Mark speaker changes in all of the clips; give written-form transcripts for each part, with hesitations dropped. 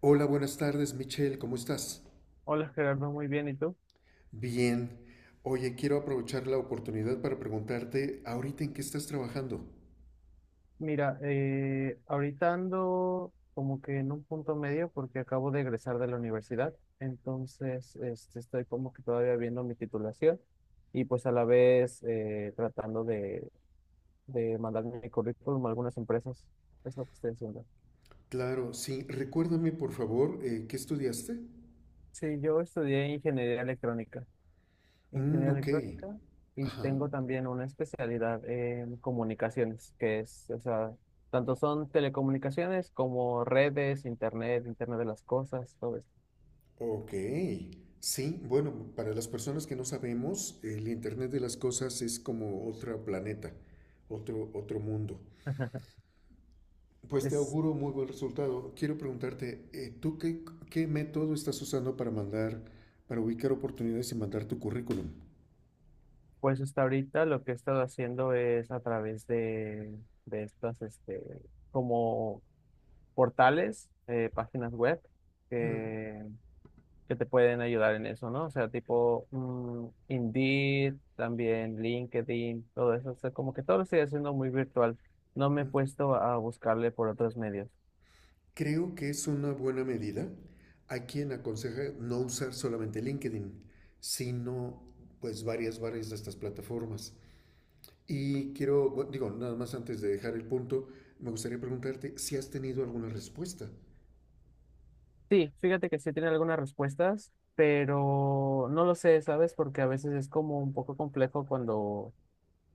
Speaker 1: Hola, buenas tardes, Michelle, ¿cómo estás?
Speaker 2: Hola Gerardo, muy bien. ¿Y tú?
Speaker 1: Bien. Oye, quiero aprovechar la oportunidad para preguntarte, ¿ahorita en qué estás trabajando?
Speaker 2: Mira, ahorita ando como que en un punto medio porque acabo de egresar de la universidad, entonces este, estoy como que todavía viendo mi titulación y pues a la vez tratando de mandar mi currículum a algunas empresas. Es lo que estoy haciendo.
Speaker 1: Claro, sí. Recuérdame, por favor, ¿qué estudiaste?
Speaker 2: Sí, yo estudié ingeniería electrónica.
Speaker 1: Mm,
Speaker 2: Ingeniería
Speaker 1: ok.
Speaker 2: electrónica y
Speaker 1: Ajá.
Speaker 2: tengo también una especialidad en comunicaciones, que es, o sea, tanto son telecomunicaciones como redes, internet, internet de las cosas, todo esto.
Speaker 1: Ok. Sí, bueno, para las personas que no sabemos, el Internet de las Cosas es como otro planeta, otro mundo. Pues te
Speaker 2: Es,
Speaker 1: auguro muy buen resultado. Quiero preguntarte, ¿tú qué método estás usando para mandar, para ubicar oportunidades y mandar tu currículum?
Speaker 2: pues hasta ahorita lo que he estado haciendo es a través de estas, este, como portales, páginas web,
Speaker 1: Mm,
Speaker 2: que te pueden ayudar en eso, ¿no? O sea, tipo Indeed, también LinkedIn, todo eso. O sea, como que todo lo estoy haciendo muy virtual. No me he
Speaker 1: mm.
Speaker 2: puesto a buscarle por otros medios.
Speaker 1: Creo que es una buena medida. Hay quien aconseja no usar solamente LinkedIn, sino pues varias de estas plataformas. Y quiero, bueno, digo, nada más antes de dejar el punto, me gustaría preguntarte si has tenido alguna respuesta.
Speaker 2: Sí, fíjate que sí tiene algunas respuestas, pero no lo sé, ¿sabes? Porque a veces es como un poco complejo cuando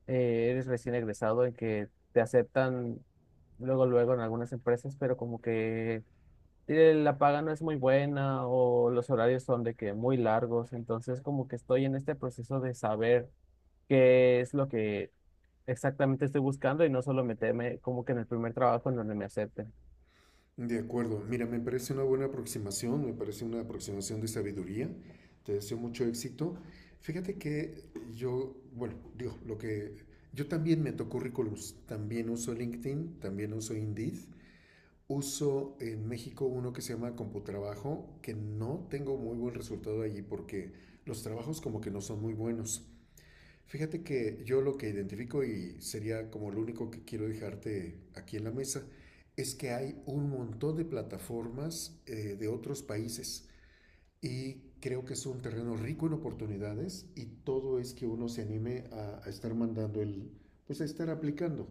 Speaker 2: eres recién egresado en que te aceptan luego, luego en algunas empresas, pero como que la paga no es muy buena o los horarios son de que muy largos, entonces como que estoy en este proceso de saber qué es lo que exactamente estoy buscando y no solo meterme como que en el primer trabajo en donde me acepten.
Speaker 1: De acuerdo, mira, me parece una buena aproximación, me parece una aproximación de sabiduría, te deseo mucho éxito. Fíjate que yo, bueno, digo, lo que yo también meto currículums, también uso LinkedIn, también uso Indeed, uso en México uno que se llama Computrabajo, que no tengo muy buen resultado allí porque los trabajos como que no son muy buenos. Fíjate que yo lo que identifico y sería como lo único que quiero dejarte aquí en la mesa es que hay un montón de plataformas de otros países y creo que es un terreno rico en oportunidades y todo es que uno se anime a estar mandando el, pues a estar aplicando.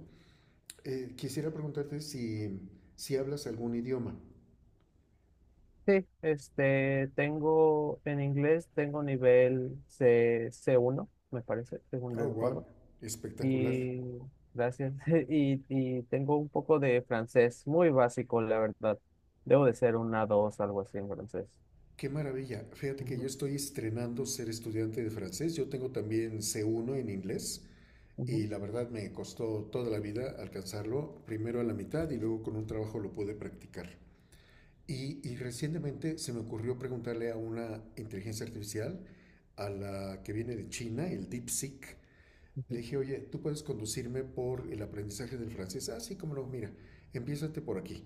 Speaker 1: Quisiera preguntarte si, si hablas algún idioma.
Speaker 2: Sí, este, tengo en inglés, tengo nivel C, C1, me parece, según yo
Speaker 1: Oh, wow,
Speaker 2: recuerdo,
Speaker 1: espectacular.
Speaker 2: y gracias, y tengo un poco de francés, muy básico, la verdad. Debo de ser una dos, algo así en francés.
Speaker 1: Qué maravilla. Fíjate que yo
Speaker 2: Ujú,
Speaker 1: estoy estrenando ser estudiante de francés. Yo tengo también C1 en inglés y
Speaker 2: ujú.
Speaker 1: la verdad me costó toda la vida alcanzarlo, primero a la mitad y luego con un trabajo lo pude practicar. Y recientemente se me ocurrió preguntarle a una inteligencia artificial, a la que viene de China, el DeepSeek,
Speaker 2: Ujú.
Speaker 1: le dije, oye, ¿tú puedes conducirme por el aprendizaje del francés? Ah, sí, cómo no, mira, empiézate por aquí.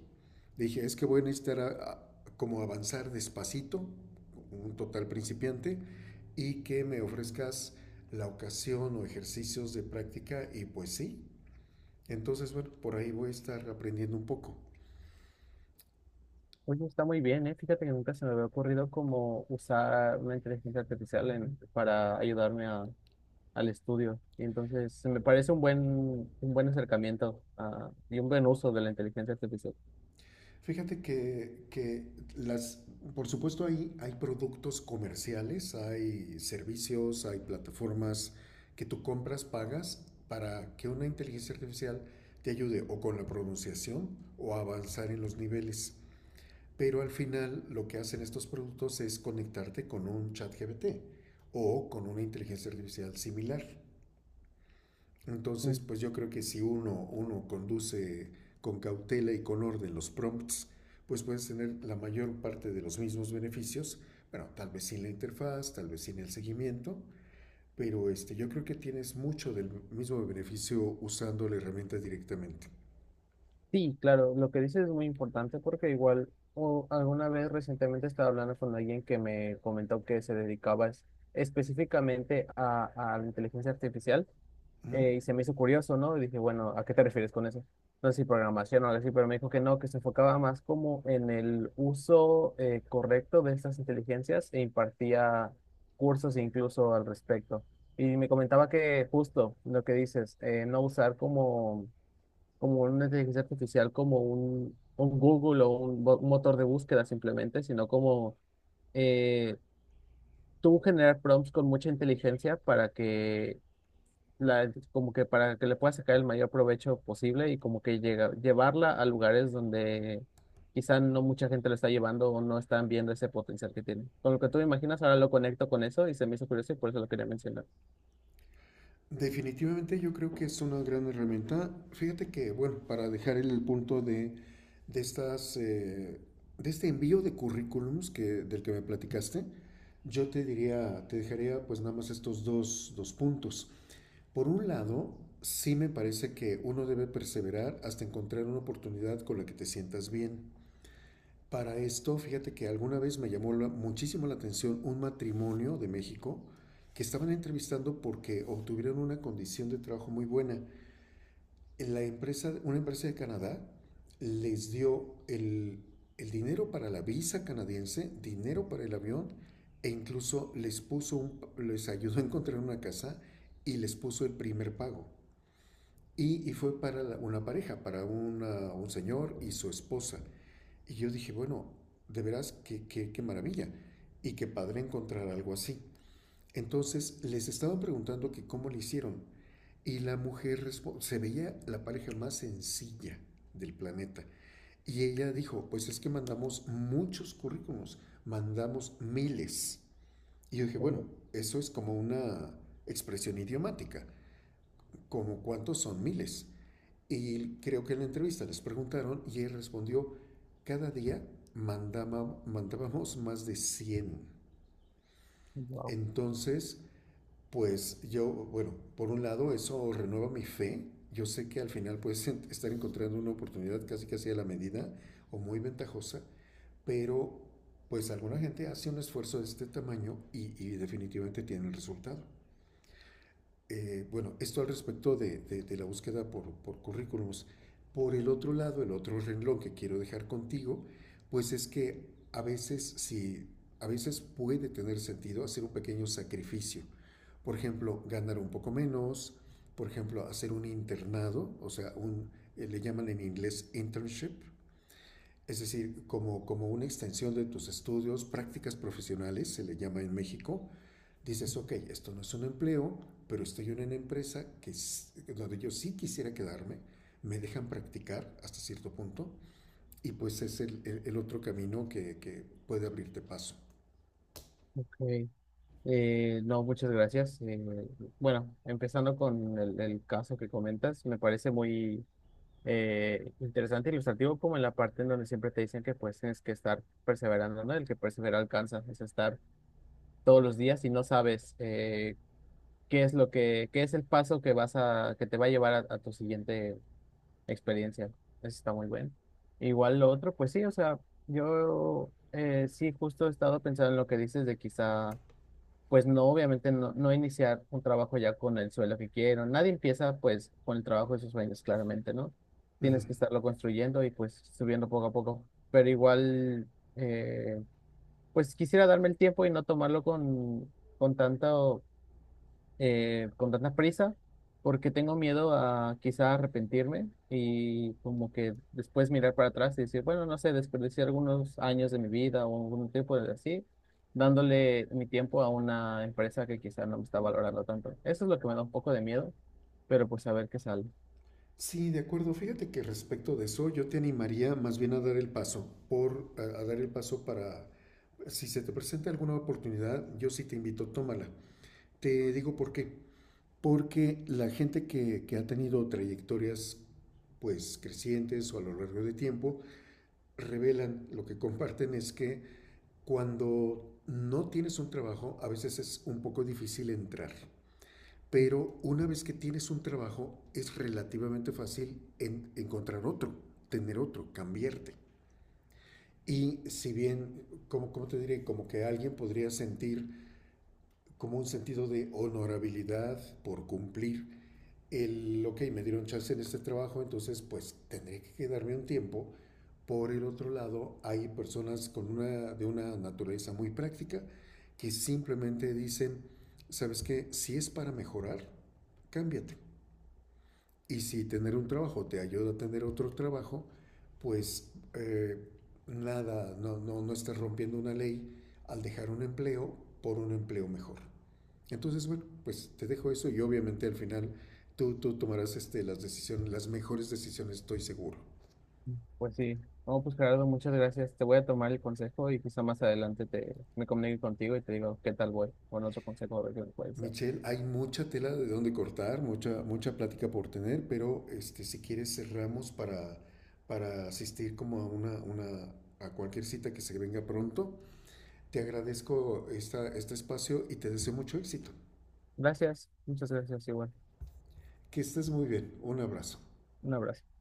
Speaker 1: Le dije, es que voy a necesitar como avanzar despacito, un total principiante, y que me ofrezcas la ocasión o ejercicios de práctica, y pues sí. Entonces, bueno, por ahí voy a estar aprendiendo un poco.
Speaker 2: Oye, está muy bien, ¿eh? Fíjate que nunca se me había ocurrido como usar una inteligencia artificial en- para ayudarme a- al estudio. Y entonces, se me parece un buen acercamiento ah, y un buen uso de la inteligencia artificial.
Speaker 1: Fíjate que las, por supuesto hay productos comerciales, hay servicios, hay plataformas que tú compras, pagas para que una inteligencia artificial te ayude o con la pronunciación o a avanzar en los niveles. Pero al final lo que hacen estos productos es conectarte con un chat GPT o con una inteligencia artificial similar. Entonces,
Speaker 2: Mm.
Speaker 1: pues yo creo que si uno conduce con cautela y con orden los prompts, pues puedes tener la mayor parte de los mismos beneficios, bueno, tal vez sin la interfaz, tal vez sin el seguimiento, pero este, yo creo que tienes mucho del mismo beneficio usando la herramienta directamente.
Speaker 2: Sí, claro, lo que dices es muy importante porque igual o alguna vez recientemente estaba hablando con alguien que me comentó que se dedicaba es- específicamente a la inteligencia artificial
Speaker 1: Ujú.
Speaker 2: y se me hizo curioso, ¿no? Y dije, bueno, ¿a qué te refieres con eso? No sé si programación o algo así, pero me dijo que no, que se enfocaba más como en el uso correcto de estas inteligencias e impartía cursos incluso al respecto. Y me comentaba que justo lo que dices, no usar como, como una inteligencia artificial como un Google o un, bo- un motor de búsqueda simplemente, sino como eh, tú generar prompts con mucha inteligencia para que la, como que para que le pueda sacar el mayor provecho posible y como que llega, llevarla a lugares donde quizá no mucha gente lo está llevando o no están viendo ese potencial que tiene. Con lo que tú me imaginas, ahora lo conecto con eso y se me hizo curioso y por eso lo quería mencionar.
Speaker 1: Definitivamente yo creo que es una gran herramienta. Fíjate que, bueno, para dejar el punto de estas, de este envío de currículums que, del que me platicaste, yo te diría, te dejaría pues nada más estos dos puntos. Por un lado, sí me parece que uno debe perseverar hasta encontrar una oportunidad con la que te sientas bien. Para esto, fíjate que alguna vez me llamó muchísimo la atención un matrimonio de México que estaban entrevistando porque obtuvieron una condición de trabajo muy buena. La empresa, una empresa de Canadá les dio el dinero para la visa canadiense, dinero para el avión e incluso les puso les ayudó a encontrar una casa y les puso el primer pago. Y fue para una pareja, para un señor y su esposa. Y yo dije, bueno, de veras, qué maravilla. Y qué padre encontrar algo así. Entonces les estaba preguntando que cómo le hicieron. Y la mujer se veía la pareja más sencilla del planeta. Y ella dijo, pues es que mandamos muchos currículums, mandamos miles. Y yo dije, bueno,
Speaker 2: Oh,
Speaker 1: eso es como una expresión idiomática, como cuántos son miles. Y creo que en la entrevista les preguntaron y él respondió, cada día mandábamos más de 100.
Speaker 2: wow.
Speaker 1: Entonces, pues yo, bueno, por un lado eso renueva mi fe. Yo sé que al final puedes estar encontrando una oportunidad casi casi a la medida o muy ventajosa, pero pues alguna gente hace un esfuerzo de este tamaño y definitivamente tiene el resultado. Bueno, esto al respecto de, de la búsqueda por currículums. Por el otro lado, el otro renglón que quiero dejar contigo, pues es que a veces si a veces puede tener sentido hacer un pequeño sacrificio. Por ejemplo, ganar un poco menos, por ejemplo, hacer un internado, o sea, un, le llaman en inglés internship, es decir, como una extensión de tus estudios, prácticas profesionales, se le llama en México, dices, ok, esto no es un empleo, pero estoy en una empresa que donde yo sí quisiera quedarme, me dejan practicar hasta cierto punto, y pues es el, el otro camino que puede abrirte paso.
Speaker 2: Ok. No, muchas gracias. Bueno, empezando con el caso que comentas, me parece muy interesante, e ilustrativo, como en la parte en donde siempre te dicen que pues tienes que estar perseverando, ¿no? El que persevera alcanza, es estar todos los días y no sabes qué es lo que, qué es el paso que vas a, que te va a llevar a tu siguiente experiencia. Eso está muy bueno. Igual lo otro, pues sí, o sea, yo sí justo he estado pensando en lo que dices de quizá, pues no, obviamente no iniciar un trabajo ya con el sueldo que quiero. Nadie empieza pues con el trabajo de sus sueños, claramente, ¿no?
Speaker 1: Ujú.
Speaker 2: Tienes que estarlo construyendo y pues subiendo poco a poco. Pero igual, eh, pues quisiera darme el tiempo y no tomarlo con tanta con tantas prisas porque tengo miedo a quizá arrepentirme y como que después mirar para atrás y decir, bueno, no sé, desperdicié algunos años de mi vida o algún tiempo de así, dándole mi tiempo a una empresa que quizá no me está valorando tanto. Eso es lo que me da un poco de miedo, pero pues a ver qué sale.
Speaker 1: Sí, de acuerdo. Fíjate que respecto de eso, yo te animaría más bien a dar el paso, a dar el paso para, si se te presenta alguna oportunidad, yo sí te invito, tómala. Te digo por qué. Porque la gente que ha tenido trayectorias pues crecientes o a lo largo de tiempo, revelan, lo que comparten es que cuando no tienes un trabajo, a veces es un poco difícil entrar. Pero una vez que tienes un trabajo, es relativamente fácil encontrar otro, tener otro, cambiarte. Y si bien, como te diré? Como que alguien podría sentir como un sentido de honorabilidad por cumplir, el, ok, me dieron chance en este trabajo, entonces pues tendré que quedarme un tiempo. Por el otro lado, hay personas con una, de una naturaleza muy práctica que simplemente dicen, ¿sabes qué? Si es para mejorar, cámbiate. Y si tener un trabajo te ayuda a tener otro trabajo, pues nada, no, no, no estás rompiendo una ley al dejar un empleo por un empleo mejor. Entonces, bueno, pues te dejo eso y obviamente al final tú tomarás este, las decisiones, las mejores decisiones, estoy seguro.
Speaker 2: Pues sí, no, pues Gerardo, muchas gracias. Te voy a tomar el consejo y quizá más adelante me comunique contigo y te digo qué tal voy con otro consejo a ver qué me puedes dar.
Speaker 1: Michelle, hay mucha tela de donde cortar, mucha plática por tener, pero este, si quieres cerramos para, asistir como a a cualquier cita que se venga pronto. Te agradezco esta, este espacio y te deseo mucho éxito.
Speaker 2: Gracias, muchas gracias, igual.
Speaker 1: Que estés muy bien. Un abrazo.
Speaker 2: Un abrazo.